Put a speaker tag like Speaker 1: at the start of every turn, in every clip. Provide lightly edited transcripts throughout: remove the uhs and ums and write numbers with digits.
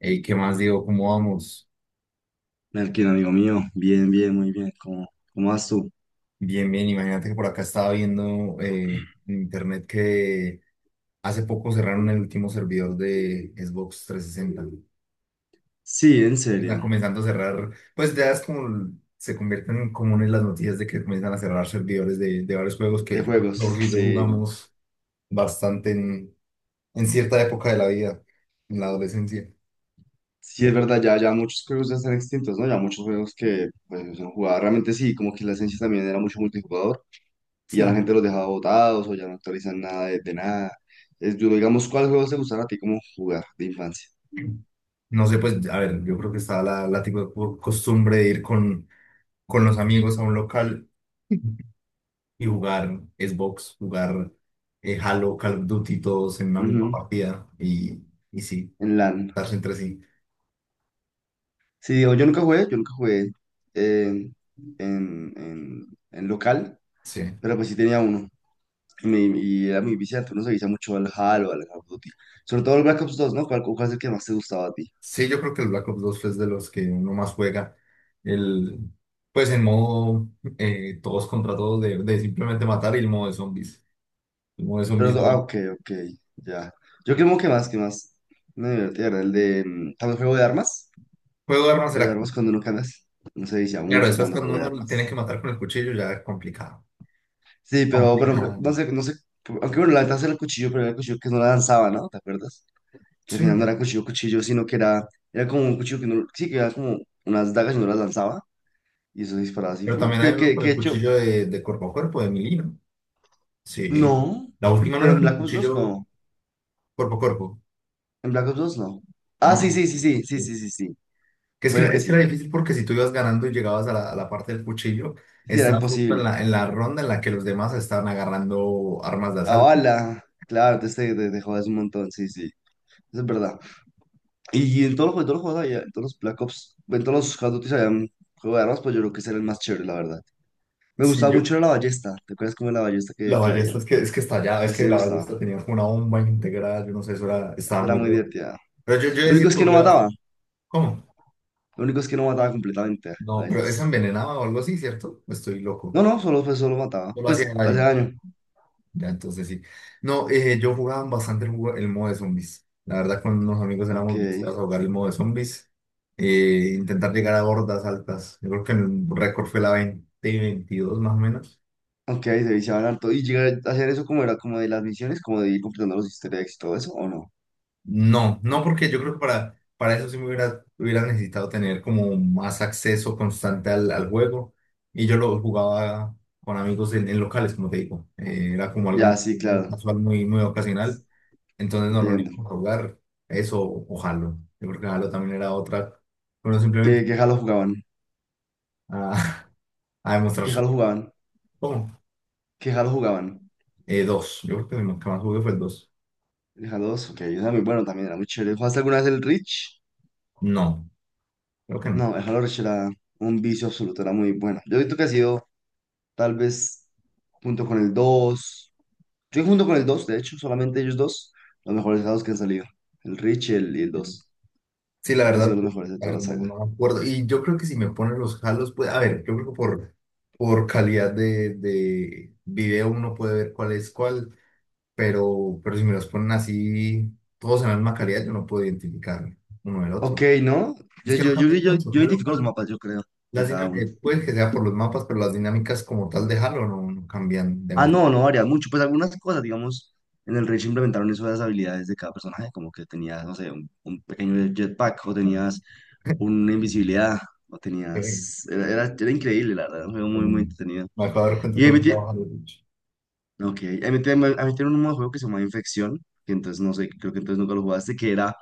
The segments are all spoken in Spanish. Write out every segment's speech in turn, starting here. Speaker 1: Ey, ¿qué más digo? ¿Cómo vamos?
Speaker 2: Melkin, amigo mío, bien, bien, muy bien. ¿Cómo vas tú?
Speaker 1: Bien, bien. Imagínate que por acá estaba viendo en internet que hace poco cerraron el último servidor de Xbox 360.
Speaker 2: Sí, en
Speaker 1: Están
Speaker 2: serio.
Speaker 1: comenzando a cerrar, pues ya es como se convierten en comunes las noticias de que comienzan a cerrar servidores de varios juegos
Speaker 2: De
Speaker 1: que yo, creo que
Speaker 2: juegos,
Speaker 1: Jorge y yo
Speaker 2: sí.
Speaker 1: jugamos bastante en cierta época de la vida, en la adolescencia.
Speaker 2: Sí, es verdad, ya, ya muchos juegos ya están extintos, ¿no? Ya muchos juegos que pues, no son jugados. Realmente sí, como que la esencia también era mucho multijugador y ya la
Speaker 1: Sí.
Speaker 2: gente los dejaba botados o ya no actualizan nada de nada. Es duro, digamos, ¿cuál juego te gustaba a ti como jugar de infancia?
Speaker 1: No sé, pues, a ver, yo creo que está la tipo de costumbre de ir con los amigos a un local y jugar Xbox, jugar Halo, Call of Duty, todos en una misma
Speaker 2: Ujú.
Speaker 1: partida y sí,
Speaker 2: En LAN.
Speaker 1: darse entre sí.
Speaker 2: Sí, digo, yo nunca jugué eh, en, en, en local,
Speaker 1: Sí.
Speaker 2: pero pues sí tenía uno. Y era muy viciante, uno se vicia mucho al HAL o al Call of Duty. Sobre todo el Black Ops dos, ¿no? ¿Cuál es el que más te gustaba a ti?
Speaker 1: Sí, yo creo que el Black Ops 2 es de los que uno más juega. El, pues en modo todos contra todos de simplemente matar y el modo de zombies. El modo de
Speaker 2: Pero,
Speaker 1: zombies era...
Speaker 2: ah, ok, ok, ya. Yo creo que más me divertía era el de también juego de armas.
Speaker 1: Juego de armas
Speaker 2: Juego de
Speaker 1: era...
Speaker 2: armas cuando uno cambia, no se vicia
Speaker 1: Claro,
Speaker 2: mucho
Speaker 1: eso es
Speaker 2: cuando
Speaker 1: cuando
Speaker 2: juego de
Speaker 1: uno tiene que
Speaker 2: armas.
Speaker 1: matar con el cuchillo, ya es complicado.
Speaker 2: Sí, pero, pero no
Speaker 1: Complicado.
Speaker 2: sé, no sé. Aunque bueno, la ventaja era el cuchillo, pero era el cuchillo que no la lanzaba, ¿no? ¿Te acuerdas? Que al final no
Speaker 1: Sí.
Speaker 2: era cuchillo, cuchillo, sino que era, era como un cuchillo que no, sí, que era como unas dagas y no las lanzaba. Y eso disparaba así.
Speaker 1: Pero
Speaker 2: Fu.
Speaker 1: también hay
Speaker 2: ¿Qué,
Speaker 1: uno
Speaker 2: qué,
Speaker 1: con
Speaker 2: qué
Speaker 1: el
Speaker 2: hecho?
Speaker 1: cuchillo de cuerpo a cuerpo, de melee. Sí.
Speaker 2: No,
Speaker 1: La última no
Speaker 2: pero
Speaker 1: era
Speaker 2: en
Speaker 1: con
Speaker 2: Black Ops dos
Speaker 1: cuchillo
Speaker 2: no.
Speaker 1: cuerpo a cuerpo,
Speaker 2: En Black Ops dos no. Ah, sí,
Speaker 1: ¿no?
Speaker 2: sí, sí, sí, sí,
Speaker 1: Que
Speaker 2: sí, sí, sí. Puede que
Speaker 1: es que
Speaker 2: sí.
Speaker 1: era difícil porque si tú ibas ganando y llegabas a a la parte del cuchillo,
Speaker 2: Sí, era
Speaker 1: estabas justo en
Speaker 2: imposible.
Speaker 1: en la ronda en la que los demás estaban agarrando armas de
Speaker 2: Ah,
Speaker 1: asalto.
Speaker 2: hola. Claro, te jodas un montón, sí, sí. Eso es verdad. Y en todos los, todos los juegos había, en todos los Black Ops, en todos los Call of Duty había un juego de armas, pues yo creo que ese era el más chévere, la verdad. Me
Speaker 1: Sí,
Speaker 2: gustaba mucho era la ballesta. ¿Te acuerdas cómo era la ballesta
Speaker 1: la
Speaker 2: que había?
Speaker 1: ballesta es que estallaba, es
Speaker 2: Ese
Speaker 1: que
Speaker 2: me
Speaker 1: la ballesta
Speaker 2: gustaba.
Speaker 1: tenía como una bomba integrada, yo no sé, eso era,
Speaker 2: Esa
Speaker 1: estaba
Speaker 2: era
Speaker 1: muy
Speaker 2: muy
Speaker 1: roto.
Speaker 2: divertida.
Speaker 1: Pero yo
Speaker 2: Lo
Speaker 1: decir
Speaker 2: único
Speaker 1: que
Speaker 2: es que no
Speaker 1: jugué
Speaker 2: mataba.
Speaker 1: bastante. ¿Cómo?
Speaker 2: Lo único es que no mataba completamente, a
Speaker 1: No, pero esa
Speaker 2: veces.
Speaker 1: envenenaba o algo así, ¿cierto? Estoy loco.
Speaker 2: No, no, solo, pues, solo mataba.
Speaker 1: No lo hacía
Speaker 2: Pues, hace
Speaker 1: daño.
Speaker 2: daño.
Speaker 1: Ya, entonces sí. No, yo jugaba bastante el, el modo de zombies. La verdad, con unos amigos
Speaker 2: Ok.
Speaker 1: éramos viciados a jugar el modo de zombies. Intentar llegar a hordas altas. Yo creo que el récord fue la 20 y 22 más o menos.
Speaker 2: Ok, se viciaban harto. ¿Y llegar a hacer eso como era como de las misiones, como de ir completando los easter eggs y todo eso, o no?
Speaker 1: No, no porque yo creo que para eso sí me hubiera, hubiera necesitado tener como más acceso constante al, al juego. Y yo lo jugaba con amigos en locales, como te digo. Era como algo
Speaker 2: Ya,
Speaker 1: muy,
Speaker 2: sí,
Speaker 1: muy
Speaker 2: claro,
Speaker 1: casual, muy, muy ocasional. Entonces nos
Speaker 2: entiendo.
Speaker 1: reunimos a jugar eso o Halo. Yo creo que Halo también era otra. Bueno, simplemente
Speaker 2: ¿Qué Halo jugaban?
Speaker 1: a, a demostrar
Speaker 2: ¿Qué
Speaker 1: su.
Speaker 2: Halo jugaban?
Speaker 1: ¿Cómo?
Speaker 2: ¿Qué Halo jugaban?
Speaker 1: Dos. Yo creo que el que más jugué fue el dos.
Speaker 2: El Halo dos, ok, era muy bueno también, era muy chévere. ¿Jugaste alguna vez el Reach?
Speaker 1: No, creo que no.
Speaker 2: No, el Halo Reach era un vicio absoluto, era muy bueno. Yo he visto que ha sido tal vez junto con el dos, yo junto con el 2 de hecho, solamente ellos dos, los mejores Halos que han salido. El Reach y el
Speaker 1: Sí.
Speaker 2: 2.
Speaker 1: Sí, la
Speaker 2: Yo creo que ha sido
Speaker 1: verdad,
Speaker 2: los mejores de
Speaker 1: a
Speaker 2: todas
Speaker 1: ver,
Speaker 2: las
Speaker 1: no,
Speaker 2: sagas.
Speaker 1: no me acuerdo. Y yo creo que si me ponen los Halos, pues, a ver, yo creo que por calidad de video uno puede ver cuál es cuál, pero si me los ponen así, todos en la misma calidad, yo no puedo identificar uno del
Speaker 2: Ok,
Speaker 1: otro.
Speaker 2: ¿no?
Speaker 1: Es
Speaker 2: Yo,
Speaker 1: que no
Speaker 2: yo, yo,
Speaker 1: cambian
Speaker 2: yo,
Speaker 1: mucho.
Speaker 2: yo
Speaker 1: Halo,
Speaker 2: identifico los mapas, yo creo, de
Speaker 1: las
Speaker 2: cada uno.
Speaker 1: dinámicas, puede que sea por los mapas, pero las dinámicas como tal de Halo no cambian
Speaker 2: Ah,
Speaker 1: demasiado.
Speaker 2: no, no varía mucho. Pues algunas cosas, digamos, en el Rage implementaron eso de las habilidades de cada personaje, como que tenías, no sé, un pequeño jetpack, o tenías una invisibilidad, o
Speaker 1: Eh,
Speaker 2: tenías. Era increíble, la verdad, era un juego muy, muy
Speaker 1: bueno,
Speaker 2: entretenido.
Speaker 1: me acabo de dar cuenta
Speaker 2: Y
Speaker 1: que
Speaker 2: ahí
Speaker 1: no
Speaker 2: metí,
Speaker 1: jugaba Halo, de hecho.
Speaker 2: ok, ahí metí, a mí un modo de juego que se llama Infección, que entonces no sé, creo que entonces nunca lo jugaste, que era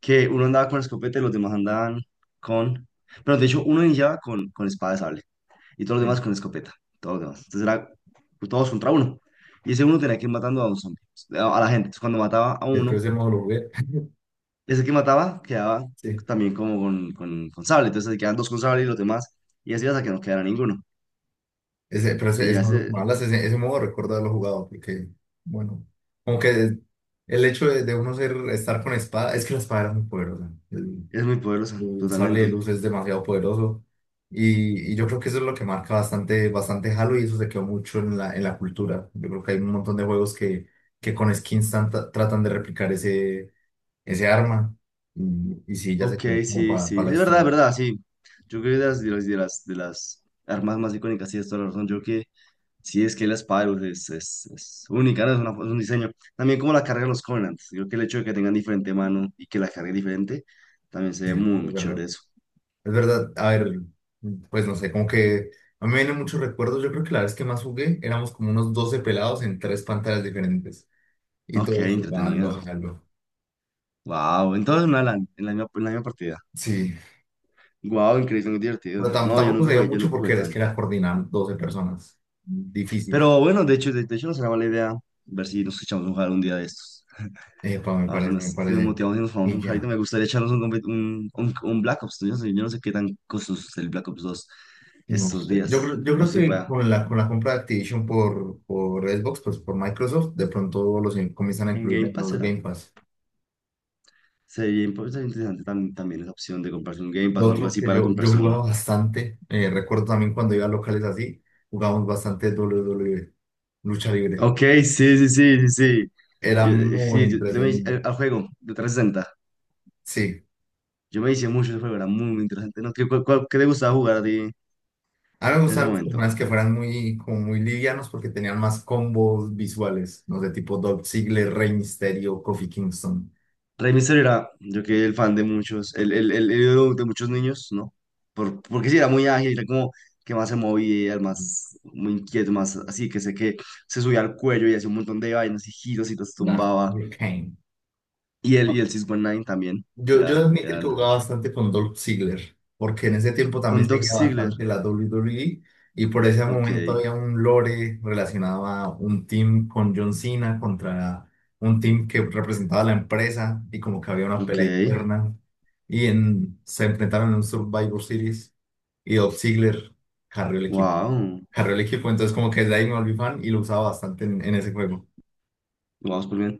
Speaker 2: que uno andaba con escopeta y los demás andaban con. Pero de hecho, uno iniciaba con espada de sable, y todos los
Speaker 1: Sí,
Speaker 2: demás con escopeta, todos los demás. Entonces era pues, todos contra uno. Y ese uno tenía que ir matando a un zombie, a la gente. Entonces cuando mataba a uno,
Speaker 1: pero ese modo lo jugué.
Speaker 2: ese que mataba quedaba
Speaker 1: Sí,
Speaker 2: también como con sable. Entonces se quedan dos con sable y los demás, y así hasta que no quedara ninguno. Y
Speaker 1: ese
Speaker 2: ya
Speaker 1: modo que
Speaker 2: se,
Speaker 1: me hablas, ese modo recuerdo haberlo jugado, porque, bueno, como que el hecho de uno ser, estar con espada, es que la espada era muy poderosa.
Speaker 2: es muy poderosa,
Speaker 1: Su sable de
Speaker 2: totalmente.
Speaker 1: luz es demasiado poderoso. Y yo creo que eso es lo que marca bastante, bastante Halo y eso se quedó mucho en en la cultura. Yo creo que hay un montón de juegos que con skins tratan de replicar ese, ese arma y sí, ya
Speaker 2: Ok,
Speaker 1: se quedó como
Speaker 2: sí,
Speaker 1: para
Speaker 2: sí,
Speaker 1: la
Speaker 2: es
Speaker 1: historia.
Speaker 2: verdad, sí. Yo creo que de las de las armas más icónicas, sí, es toda la razón. Yo creo. Sí, es que la espada de luz es única, ¿no? Es, es un diseño. También como la cargan los Covenants. Creo que el hecho de que tengan diferente mano y que la cargue diferente, también se
Speaker 1: Sí,
Speaker 2: ve muy,
Speaker 1: es
Speaker 2: muy
Speaker 1: verdad.
Speaker 2: chévere eso.
Speaker 1: Es verdad. A ver, pues no sé, como que a mí me vienen muchos recuerdos. Yo creo que la vez que más jugué éramos como unos 12 pelados en tres pantallas diferentes y
Speaker 2: Ok,
Speaker 1: todos jugando
Speaker 2: entretenido.
Speaker 1: a Halo.
Speaker 2: Wow, entonces una LAN, en la misma partida.
Speaker 1: Sí.
Speaker 2: Wow, increíble, muy
Speaker 1: Pero
Speaker 2: divertido. No, yo
Speaker 1: tampoco
Speaker 2: nunca
Speaker 1: se dio
Speaker 2: jugué, yo
Speaker 1: mucho
Speaker 2: nunca jugué
Speaker 1: porque es que era
Speaker 2: tanto.
Speaker 1: coordinar 12 personas. Difícil,
Speaker 2: Pero bueno, de hecho no será mala idea ver si nos echamos un jugar un día de estos.
Speaker 1: me
Speaker 2: A ver si
Speaker 1: parece,
Speaker 2: nos,
Speaker 1: me
Speaker 2: si nos
Speaker 1: parece.
Speaker 2: motivamos y nos jugamos
Speaker 1: Y
Speaker 2: un jueguito.
Speaker 1: ya,
Speaker 2: Me gustaría echarnos un, un, un Black Ops. Yo no sé qué tan costoso es el Black Ops dos
Speaker 1: no
Speaker 2: estos
Speaker 1: sé.
Speaker 2: días.
Speaker 1: Yo
Speaker 2: O
Speaker 1: creo
Speaker 2: si se
Speaker 1: que
Speaker 2: pueda.
Speaker 1: con la compra de Activision por Xbox, pues por Microsoft, de pronto los comienzan a
Speaker 2: En
Speaker 1: incluir
Speaker 2: Game
Speaker 1: en
Speaker 2: Pass
Speaker 1: los
Speaker 2: será.
Speaker 1: Game Pass.
Speaker 2: Sería sería interesante también esa opción de comprarse un Game
Speaker 1: Lo
Speaker 2: Pass o algo
Speaker 1: otro
Speaker 2: así
Speaker 1: que
Speaker 2: para
Speaker 1: yo
Speaker 2: comprarse un.
Speaker 1: jugaba bastante, recuerdo también cuando iba a locales así, jugábamos bastante WWE, lucha libre.
Speaker 2: Ok, sí, sí, sí, sí, sí.
Speaker 1: Era
Speaker 2: Yo,
Speaker 1: muy
Speaker 2: sí, yo- yo me
Speaker 1: entretenido.
Speaker 2: al juego de 360.
Speaker 1: Sí.
Speaker 2: Yo me hice mucho ese juego, era muy, muy interesante. ¿No? ¿Qué, qué te gustaba jugar a ti en
Speaker 1: A mí me
Speaker 2: ese
Speaker 1: gustaban los
Speaker 2: momento?
Speaker 1: personajes que fueran muy, como muy livianos porque tenían más combos visuales, no sé, tipo Dolph Ziggler, Rey Mysterio, Kofi Kingston,
Speaker 2: Rey Mysterio era, yo que el fan de muchos, el ídolo de muchos niños, ¿no? Por, porque sí, era muy ágil, era como que más se movía, el más, muy inquieto, más así, que sé que se subía al cuello y hacía un montón de vainas y giros y los
Speaker 1: nah,
Speaker 2: tumbaba.
Speaker 1: Liu Kang.
Speaker 2: Y el 619 también.
Speaker 1: Yo he
Speaker 2: Era,
Speaker 1: de admitir
Speaker 2: era
Speaker 1: que
Speaker 2: el.
Speaker 1: jugaba bastante con Dolph Ziggler, porque en ese tiempo también
Speaker 2: Con Doc
Speaker 1: seguía
Speaker 2: Ziegler.
Speaker 1: bastante la WWE y por ese
Speaker 2: Ok,
Speaker 1: momento había un lore relacionado a un team con John Cena contra un team que representaba la empresa y como que había una
Speaker 2: ok.
Speaker 1: pelea interna. Y en, se enfrentaron en un Survivor Series y Dolph Ziggler carrió el equipo.
Speaker 2: Wow.
Speaker 1: Carrió el equipo, entonces como que desde ahí me volví fan y lo usaba bastante en ese juego.
Speaker 2: Wow, súper bien.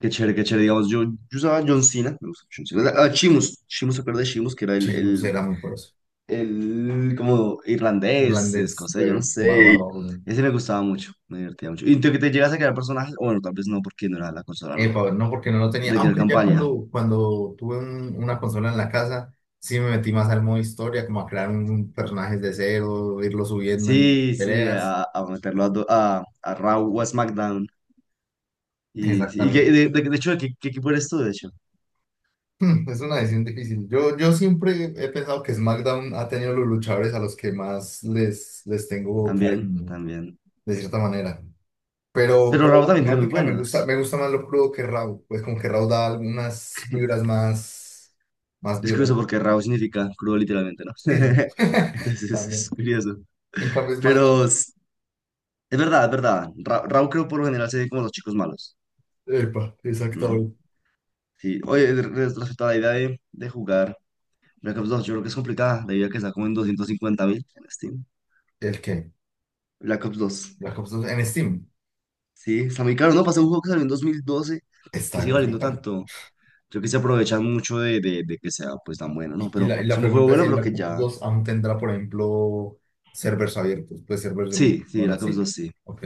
Speaker 2: Qué chévere, qué chévere. Digamos, yo usaba John Cena. Me gusta John Cena. Ah, Sheamus. Sheamus, ¿se acuerda de Sheamus? Que era
Speaker 1: Che, no sé, era muy poderoso.
Speaker 2: el como irlandés,
Speaker 1: Irlandés
Speaker 2: escocés, yo no
Speaker 1: de barba
Speaker 2: sé.
Speaker 1: roja.
Speaker 2: Ese me gustaba mucho. Me divertía mucho. ¿Y tú que te llegas a crear personajes? O bueno, tal vez no, porque no era la consola, ¿no?
Speaker 1: Epa, no, porque no lo tenía.
Speaker 2: De crear
Speaker 1: Aunque ya
Speaker 2: campaña.
Speaker 1: cuando, cuando tuve una consola en la casa, sí me metí más al modo historia, como a crear un personaje de cero, irlo subiendo en
Speaker 2: Sí, sí,
Speaker 1: peleas.
Speaker 2: a meterlo a, a Raw o a SmackDown. Y, sí, y
Speaker 1: Exactamente.
Speaker 2: de hecho, ¿qué equipo eres tú, de hecho?
Speaker 1: Es una decisión difícil. Yo siempre he pensado que SmackDown ha tenido los luchadores a los que más les tengo
Speaker 2: También,
Speaker 1: cariño,
Speaker 2: también.
Speaker 1: de cierta manera.
Speaker 2: Pero
Speaker 1: Pero
Speaker 2: Rabo
Speaker 1: la
Speaker 2: también tiene muy
Speaker 1: temática
Speaker 2: buenos.
Speaker 1: me gusta más lo crudo que Raw. Pues como que Raw da algunas vibras más, más
Speaker 2: Es curioso
Speaker 1: violentas.
Speaker 2: porque Rabo significa crudo literalmente, ¿no?
Speaker 1: Sí, sí,
Speaker 2: Entonces es
Speaker 1: también.
Speaker 2: curioso.
Speaker 1: En cambio, SmackDown.
Speaker 2: Pero es verdad, es verdad. Rabo creo por lo general se ve como los chicos malos,
Speaker 1: Epa,
Speaker 2: ¿no?
Speaker 1: exactamente.
Speaker 2: Sí. Oye, respecto a la idea de jugar Black Ops dos, yo creo que es complicada, debido a que está como en 250.000 en Steam.
Speaker 1: ¿El qué?
Speaker 2: Black Ops 2.
Speaker 1: La Copa 2 en Steam.
Speaker 2: Sí, está muy caro, ¿no? Pasé un juego que salió en 2012 que
Speaker 1: Está
Speaker 2: sigue
Speaker 1: en
Speaker 2: valiendo
Speaker 1: Steam.
Speaker 2: tanto. Creo que se aprovechan mucho de, de que sea pues tan bueno, ¿no? Pero
Speaker 1: Y
Speaker 2: es
Speaker 1: la
Speaker 2: un juego
Speaker 1: pregunta es
Speaker 2: bueno,
Speaker 1: si
Speaker 2: pero
Speaker 1: la
Speaker 2: que
Speaker 1: Copa
Speaker 2: ya.
Speaker 1: 2 aún tendrá, por ejemplo, servers abiertos. Pues servers de...
Speaker 2: Sí, sí,
Speaker 1: Ahora
Speaker 2: la Cops
Speaker 1: sí.
Speaker 2: 2 sí.
Speaker 1: Ok.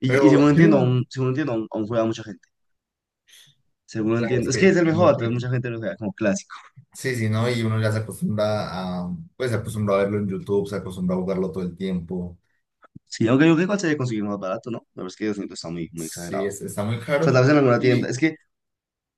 Speaker 2: Y
Speaker 1: Pero en serio,
Speaker 2: según entiendo, aún, aún juega mucha gente. Según
Speaker 1: claro, es
Speaker 2: entiendo. Es que es
Speaker 1: que
Speaker 2: el mejor,
Speaker 1: no
Speaker 2: entonces
Speaker 1: puede.
Speaker 2: mucha gente lo juega como clásico.
Speaker 1: Sí, sí, ¿no? Y uno ya se acostumbra a, pues se acostumbra a verlo en YouTube, se acostumbra a jugarlo todo el tiempo.
Speaker 2: Sí, aunque yo creo que igual se debe conseguir más barato, ¿no? La verdad es que 200 está muy, muy
Speaker 1: Sí,
Speaker 2: exagerado.
Speaker 1: está muy
Speaker 2: O sea,
Speaker 1: caro.
Speaker 2: tal vez en alguna tienda.
Speaker 1: Y,
Speaker 2: Es que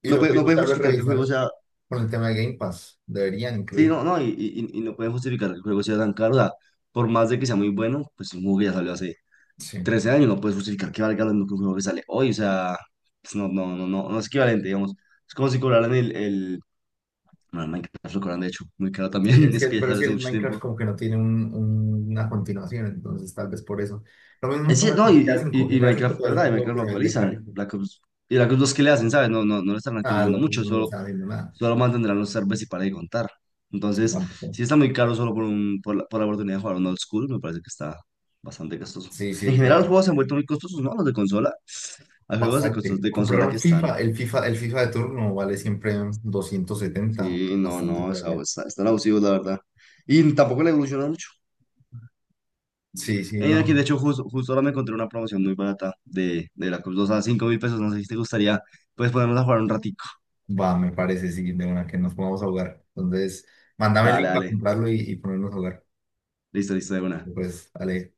Speaker 1: y
Speaker 2: no
Speaker 1: lo
Speaker 2: puede,
Speaker 1: que
Speaker 2: no
Speaker 1: digo,
Speaker 2: puede
Speaker 1: tal vez
Speaker 2: justificar que el
Speaker 1: revisar
Speaker 2: juego sea.
Speaker 1: con el tema de Game Pass, deberían
Speaker 2: Sí,
Speaker 1: incluir.
Speaker 2: no, no, y no pueden justificar que el juego sea tan caro. O sea, por más de que sea muy bueno, pues es un juego que ya salió hace
Speaker 1: Sí.
Speaker 2: 13 años, no puedes justificar que valga lo mismo que un juego que sale hoy, o sea, pues no es equivalente, digamos. Es como si cobraran bueno, Minecraft lo cobran, de hecho, muy caro
Speaker 1: Sí,
Speaker 2: también,
Speaker 1: es
Speaker 2: eso
Speaker 1: que,
Speaker 2: que ya
Speaker 1: pero es
Speaker 2: sale
Speaker 1: que
Speaker 2: hace
Speaker 1: el
Speaker 2: mucho
Speaker 1: Minecraft
Speaker 2: tiempo.
Speaker 1: como que no tiene una continuación, entonces tal vez por eso. Lo mismo
Speaker 2: Es
Speaker 1: pasa
Speaker 2: cierto, no,
Speaker 1: con GTA
Speaker 2: y,
Speaker 1: 5.
Speaker 2: y, y
Speaker 1: GTA 5
Speaker 2: Minecraft, de
Speaker 1: todavía es
Speaker 2: verdad, y
Speaker 1: un juego
Speaker 2: Minecraft
Speaker 1: que
Speaker 2: lo
Speaker 1: se vende
Speaker 2: actualizan.
Speaker 1: caro.
Speaker 2: Black Ops, y Black Ops 2 que le hacen, ¿sabes? No, no, no lo están
Speaker 1: Ah,
Speaker 2: actualizando
Speaker 1: la gente
Speaker 2: mucho,
Speaker 1: no le
Speaker 2: solo,
Speaker 1: está haciendo nada.
Speaker 2: solo mantendrán los servers y para de contar.
Speaker 1: Sí,
Speaker 2: Entonces,
Speaker 1: tampoco.
Speaker 2: si está muy caro solo por, por la oportunidad de jugar un old school, me parece que está bastante costoso.
Speaker 1: Sí,
Speaker 2: En
Speaker 1: sí, sí.
Speaker 2: general, los juegos se han vuelto muy costosos, ¿no? Los de consola. Hay juegos de,
Speaker 1: Bastante.
Speaker 2: de
Speaker 1: Comprar
Speaker 2: consola
Speaker 1: un
Speaker 2: que están.
Speaker 1: FIFA, el FIFA, el FIFA de turno vale siempre 270
Speaker 2: Sí, no,
Speaker 1: bastante
Speaker 2: no,
Speaker 1: por allá.
Speaker 2: están abusivos, la verdad. Y tampoco le evolucionan mucho.
Speaker 1: Sí, sí,
Speaker 2: Aquí,
Speaker 1: no.
Speaker 2: de hecho, justo, justo ahora me encontré una promoción muy barata de la Cruz 2 a 5 mil pesos. No sé si te gustaría, pues ponernos a jugar un ratico.
Speaker 1: Va, me parece, sí, de una que nos pongamos a jugar. Entonces, mándame el
Speaker 2: Dale,
Speaker 1: link para
Speaker 2: dale.
Speaker 1: comprarlo y ponernos a jugar.
Speaker 2: Listo, listo, de una.
Speaker 1: Pues, Ale.